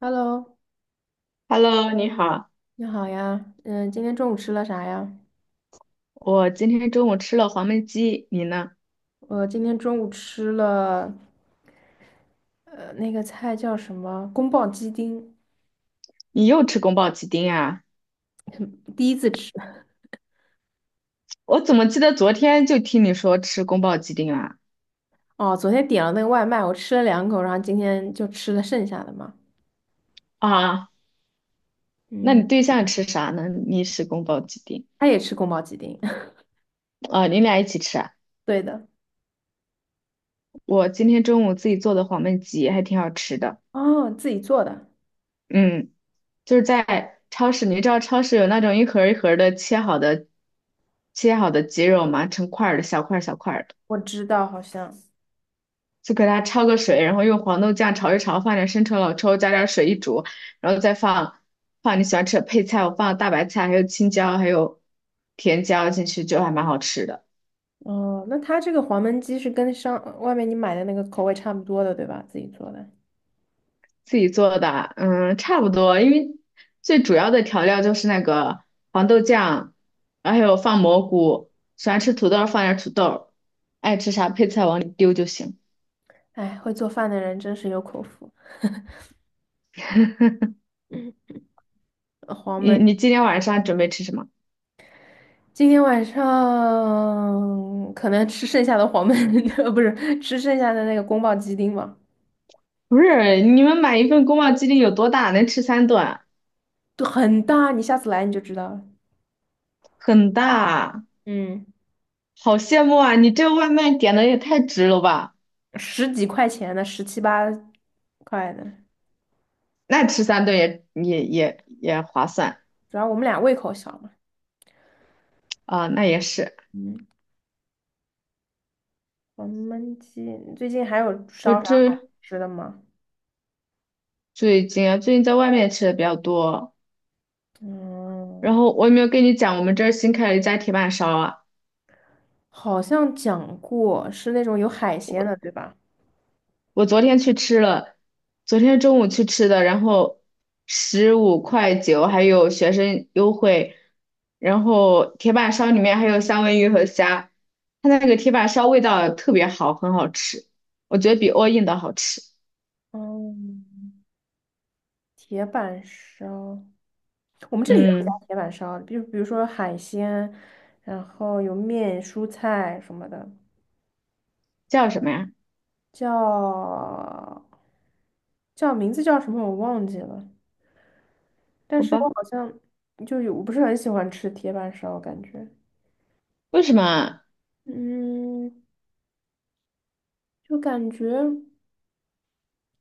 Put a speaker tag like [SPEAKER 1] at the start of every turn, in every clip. [SPEAKER 1] Hello，
[SPEAKER 2] Hello，你好，
[SPEAKER 1] 你好呀，今天中午吃了啥呀？
[SPEAKER 2] 我今天中午吃了黄焖鸡，你呢？
[SPEAKER 1] 我今天中午吃了，那个菜叫什么？宫保鸡丁，
[SPEAKER 2] 你又吃宫保鸡丁啊？
[SPEAKER 1] 第一次吃。
[SPEAKER 2] 我怎么记得昨天就听你说吃宫保鸡丁啊？
[SPEAKER 1] 哦，昨天点了那个外卖，我吃了两口，然后今天就吃了剩下的嘛。
[SPEAKER 2] 啊，那
[SPEAKER 1] 嗯，
[SPEAKER 2] 你对象吃啥呢？你吃宫保鸡丁
[SPEAKER 1] 他也吃宫保鸡丁，
[SPEAKER 2] 啊？你俩一起吃啊？
[SPEAKER 1] 对的。
[SPEAKER 2] 我今天中午自己做的黄焖鸡还挺好吃的，
[SPEAKER 1] 哦，自己做的，
[SPEAKER 2] 嗯，就是在超市，你知道超市有那种一盒儿一盒儿的切好的鸡肉吗？成块儿的小块儿小块儿的。
[SPEAKER 1] 我知道，好像。
[SPEAKER 2] 就给它焯个水，然后用黄豆酱炒一炒，放点生抽、老抽，加点水一煮，然后再放你喜欢吃的配菜，我放大白菜，还有青椒，还有甜椒进去，就还蛮好吃的。
[SPEAKER 1] 哦，那他这个黄焖鸡是跟上外面你买的那个口味差不多的，对吧？自己做的。
[SPEAKER 2] 自己做的，嗯，差不多，因为最主要的调料就是那个黄豆酱，然后还有放蘑菇，喜欢吃土豆放点土豆，爱吃啥配菜往里丢就行。
[SPEAKER 1] 哎，会做饭的人真是有口福。黄
[SPEAKER 2] 你
[SPEAKER 1] 焖。
[SPEAKER 2] 你今天晚上准备吃什么？
[SPEAKER 1] 今天晚上可能吃剩下的黄焖，呃，不是吃剩下的那个宫保鸡丁吧，
[SPEAKER 2] 不是，你们买一份宫保鸡丁有多大？能吃三顿啊，
[SPEAKER 1] 对，很大，你下次来你就知道了。
[SPEAKER 2] 很大。
[SPEAKER 1] 嗯，
[SPEAKER 2] 好羡慕啊！你这个外卖点的也太值了吧？
[SPEAKER 1] 十几块钱的，十七八块的，
[SPEAKER 2] 那吃三顿也划算
[SPEAKER 1] 主要我们俩胃口小嘛。
[SPEAKER 2] 啊，那也是。
[SPEAKER 1] 嗯，黄焖鸡，最近还有
[SPEAKER 2] 我
[SPEAKER 1] 烧啥好
[SPEAKER 2] 这
[SPEAKER 1] 吃的吗？
[SPEAKER 2] 最近啊，最近在外面吃的比较多。
[SPEAKER 1] 嗯，
[SPEAKER 2] 然后我有没有跟你讲，我们这儿新开了一家铁板烧啊？
[SPEAKER 1] 好像讲过是那种有海鲜的，对吧？
[SPEAKER 2] 我昨天去吃了，昨天中午去吃的，然后15块9，还有学生优惠。然后铁板烧里面还有三文鱼和虾，它那个铁板烧味道特别好，很好吃，我觉得比 all in 的好吃。
[SPEAKER 1] 嗯，铁板烧。我们这里也有
[SPEAKER 2] 嗯，
[SPEAKER 1] 加铁板烧的比如说海鲜，然后有面、蔬菜什么的，
[SPEAKER 2] 叫什么呀？
[SPEAKER 1] 叫叫名字叫什么我忘记了，但
[SPEAKER 2] 好
[SPEAKER 1] 是我
[SPEAKER 2] 吧，
[SPEAKER 1] 好像就有我不是很喜欢吃铁板烧，感觉
[SPEAKER 2] 为什么
[SPEAKER 1] 嗯，就感觉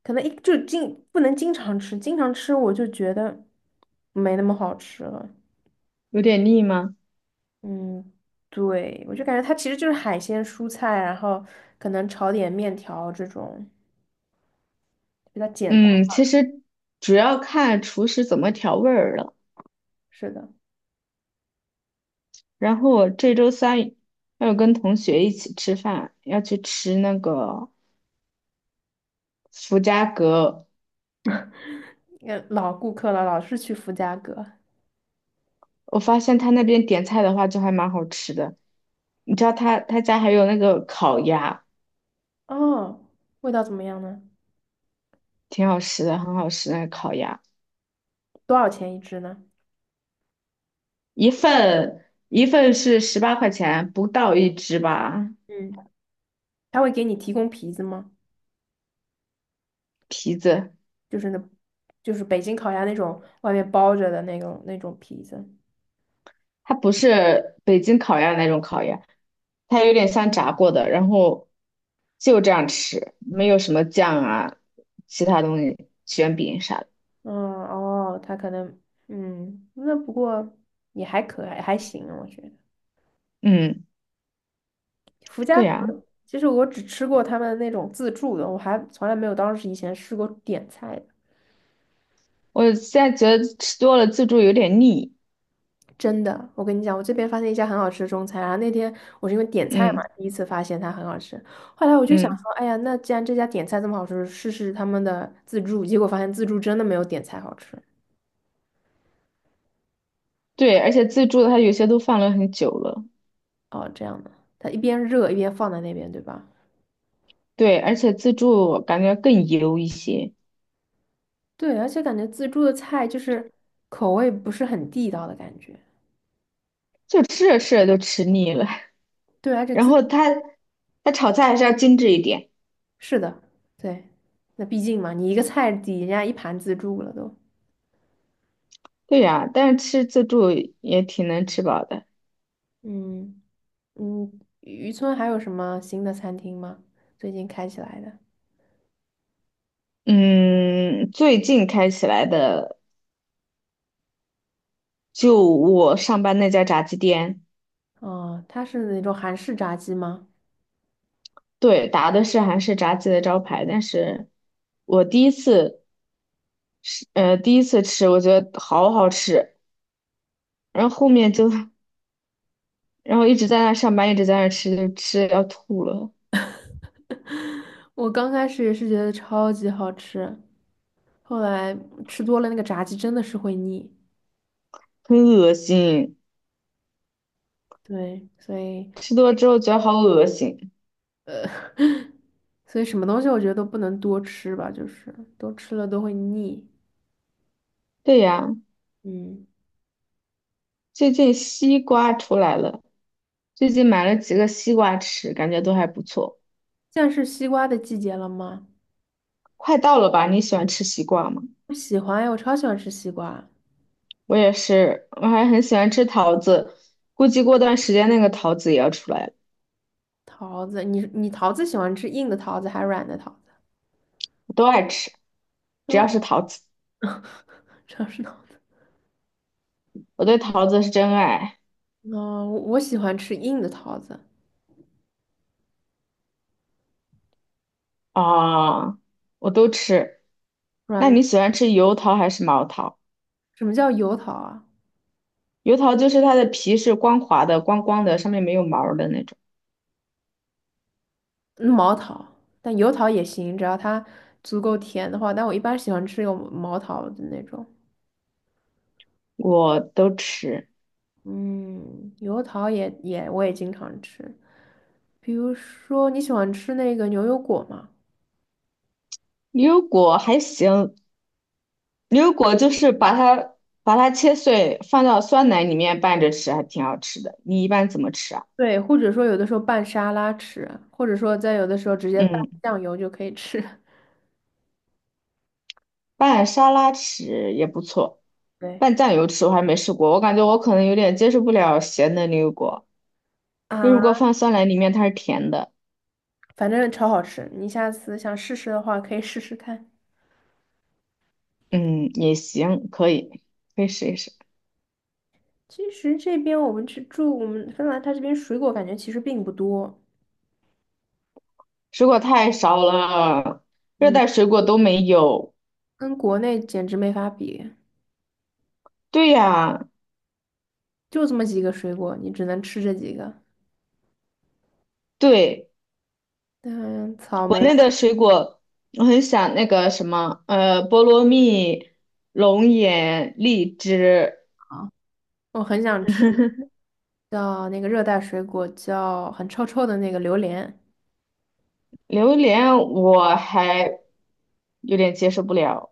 [SPEAKER 1] 可能一就经不能经常吃，经常吃我就觉得没那么好吃了，
[SPEAKER 2] 有点腻吗？
[SPEAKER 1] 嗯。对，我就感觉它其实就是海鲜、蔬菜，然后可能炒点面条这种。比较简单
[SPEAKER 2] 嗯，其
[SPEAKER 1] 吧。
[SPEAKER 2] 实主要看厨师怎么调味儿了。
[SPEAKER 1] 是的，
[SPEAKER 2] 然后我这周三要跟同学一起吃饭，要去吃那个福家阁。
[SPEAKER 1] 也老顾客了，老是去福家阁。
[SPEAKER 2] 我发现他那边点菜的话就还蛮好吃的。你知道他家还有那个烤鸭，
[SPEAKER 1] 哦，味道怎么样呢？
[SPEAKER 2] 挺好吃的，很好吃那个烤鸭，
[SPEAKER 1] 多少钱一只呢？
[SPEAKER 2] 一份是18块钱，不到一只吧，
[SPEAKER 1] 嗯，他会给你提供皮子吗？
[SPEAKER 2] 皮子。
[SPEAKER 1] 就是那，就是北京烤鸭那种外面包着的那种皮子。
[SPEAKER 2] 它不是北京烤鸭那种烤鸭，它有点像炸过的，然后就这样吃，没有什么酱啊，其他东西，卷饼啥的。
[SPEAKER 1] 嗯，哦，他可能，嗯，那不过也还可爱，还行，我觉得。
[SPEAKER 2] 嗯，
[SPEAKER 1] 福家
[SPEAKER 2] 对呀，
[SPEAKER 1] 阁，其实我只吃过他们那种自助的，我还从来没有当时以前试过点菜的。
[SPEAKER 2] 我现在觉得吃多了自助有点腻。
[SPEAKER 1] 真的，我跟你讲，我这边发现一家很好吃的中餐，然后那天我是因为点菜嘛，
[SPEAKER 2] 嗯
[SPEAKER 1] 第一次发现它很好吃，后来我就想
[SPEAKER 2] 嗯，
[SPEAKER 1] 说，哎呀，那既然这家点菜这么好吃，试试他们的自助，结果发现自助真的没有点菜好吃。
[SPEAKER 2] 对，而且自助它有些都放了很久了，
[SPEAKER 1] 哦，这样的，它一边热一边放在那边，对吧？
[SPEAKER 2] 对，而且自助我感觉更油一些，
[SPEAKER 1] 对，而且感觉自助的菜就是口味不是很地道的感觉。
[SPEAKER 2] 就吃着吃着就吃腻了。
[SPEAKER 1] 对，而 且
[SPEAKER 2] 然
[SPEAKER 1] 自，
[SPEAKER 2] 后它炒菜还是要精致一点，
[SPEAKER 1] 是的，对，那毕竟嘛，你一个菜抵人家一盘自助了都。
[SPEAKER 2] 对呀，但是吃自助也挺能吃饱的。
[SPEAKER 1] 嗯，嗯，渔村还有什么新的餐厅吗？最近开起来的？
[SPEAKER 2] 嗯，最近开起来的，就我上班那家炸鸡店，
[SPEAKER 1] 哦，它是那种韩式炸鸡吗？
[SPEAKER 2] 对，打的是韩式炸鸡的招牌，但是我第一次吃，我觉得好好吃，然后后面就，然后一直在那上班，一直在那吃，就吃得要吐了，
[SPEAKER 1] 我刚开始也是觉得超级好吃，后来吃多了那个炸鸡真的是会腻。
[SPEAKER 2] 很恶心，
[SPEAKER 1] 对，所以
[SPEAKER 2] 吃多了之后觉得好恶心。
[SPEAKER 1] 呃，所以什么东西我觉得都不能多吃吧，就是多吃了都会腻。
[SPEAKER 2] 对呀，
[SPEAKER 1] 嗯，
[SPEAKER 2] 最近西瓜出来了，最近买了几个西瓜吃，感觉都还不错。
[SPEAKER 1] 现在是西瓜的季节了吗？
[SPEAKER 2] 快到了吧？你喜欢吃西瓜吗？
[SPEAKER 1] 我喜欢呀，我超喜欢吃西瓜、
[SPEAKER 2] 我也是，我还很喜欢吃桃子，估计过段时间那个桃子也要出来了，
[SPEAKER 1] 桃子。你桃子喜欢吃硬的桃子还是软的桃子？
[SPEAKER 2] 我都爱吃，只要是
[SPEAKER 1] 都
[SPEAKER 2] 桃子，
[SPEAKER 1] 城市桃子，
[SPEAKER 2] 我对
[SPEAKER 1] 嗯，
[SPEAKER 2] 桃子是真爱
[SPEAKER 1] 哦，我喜欢吃硬的桃子，
[SPEAKER 2] 啊，我都吃。那
[SPEAKER 1] 软，
[SPEAKER 2] 你喜欢吃油桃还是毛桃？
[SPEAKER 1] 什么叫油桃啊？
[SPEAKER 2] 油桃就是它的皮是光滑的、光光的，上面没有毛儿的那种，
[SPEAKER 1] 嗯毛桃，但油桃也行，只要它足够甜的话。但我一般喜欢吃有毛桃的那种，
[SPEAKER 2] 我都吃。
[SPEAKER 1] 嗯，油桃也我也经常吃。比如说你喜欢吃那个牛油果吗？
[SPEAKER 2] 牛油果还行，牛油果就是把它切碎，放到酸奶里面拌着吃，还挺好吃的。你一般怎么吃啊？
[SPEAKER 1] 对，或者说有的时候拌沙拉吃，或者说在有的时候直接拌
[SPEAKER 2] 嗯。
[SPEAKER 1] 酱油就可以吃。
[SPEAKER 2] 拌沙拉吃也不错，
[SPEAKER 1] 对
[SPEAKER 2] 拌酱油吃我还没试过，我感觉我可能有点接受不了咸的牛油果。牛油果
[SPEAKER 1] 啊，
[SPEAKER 2] 放酸奶里面它是甜的，
[SPEAKER 1] 反正超好吃，你下次想试试的话可以试试看。
[SPEAKER 2] 嗯，也行，可以，可以试一试。
[SPEAKER 1] 其实这边我们去住，我们芬兰它这边水果感觉其实并不多，
[SPEAKER 2] 水果太少了，热
[SPEAKER 1] 嗯，
[SPEAKER 2] 带水果都没有。
[SPEAKER 1] 跟国内简直没法比，
[SPEAKER 2] 对呀，
[SPEAKER 1] 就这么几个水果，你只能吃这几个。
[SPEAKER 2] 对，
[SPEAKER 1] 嗯，草
[SPEAKER 2] 国
[SPEAKER 1] 莓啊，
[SPEAKER 2] 内的水果我很想那个什么，菠萝蜜、龙眼、荔枝、
[SPEAKER 1] 我很想吃叫那个热带水果，叫很臭臭的那个榴莲。
[SPEAKER 2] 榴莲，我还有点接受不了。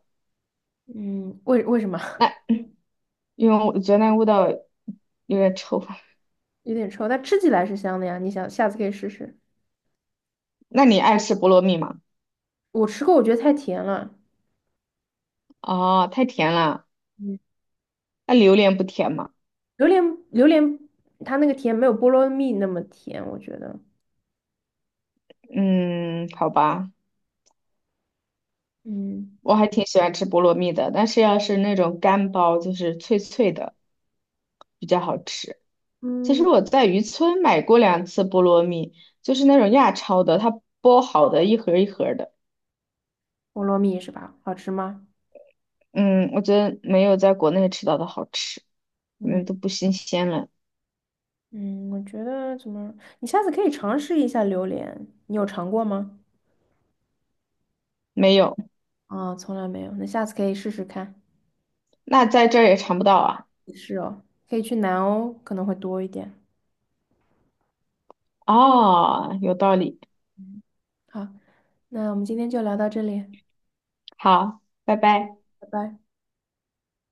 [SPEAKER 1] 嗯，为什么
[SPEAKER 2] 那因为我觉得那个味道有点臭。
[SPEAKER 1] 有点臭？但吃起来是香的呀。你想下次可以试试。
[SPEAKER 2] 那你爱吃菠萝蜜吗？
[SPEAKER 1] 我吃过，我觉得太甜了。
[SPEAKER 2] 哦，太甜了。
[SPEAKER 1] 嗯
[SPEAKER 2] 那榴莲不甜吗？
[SPEAKER 1] 榴莲榴莲它那个甜没有菠萝蜜那么甜，我觉得。
[SPEAKER 2] 嗯，好吧，
[SPEAKER 1] 嗯，
[SPEAKER 2] 我还挺喜欢吃菠萝蜜的，但是要是那种干包，就是脆脆的，比较好吃。其实
[SPEAKER 1] 嗯，
[SPEAKER 2] 我在渔村买过2次菠萝蜜，就是那种亚超的，它剥好的一盒儿一盒儿的。
[SPEAKER 1] 菠萝蜜是吧？好吃吗？
[SPEAKER 2] 嗯，我觉得没有在国内吃到的好吃，可
[SPEAKER 1] 嗯
[SPEAKER 2] 能都不新鲜了。
[SPEAKER 1] 嗯，我觉得怎么，你下次可以尝试一下榴莲，你有尝过吗？
[SPEAKER 2] 没有，
[SPEAKER 1] 啊、从来没有，那下次可以试试看，
[SPEAKER 2] 那在这儿也尝不到啊。
[SPEAKER 1] 可以去南欧，可能会多一点。
[SPEAKER 2] 哦，有道理。
[SPEAKER 1] 嗯，好，那我们今天就聊到这里，
[SPEAKER 2] 好，拜拜。
[SPEAKER 1] 拜拜。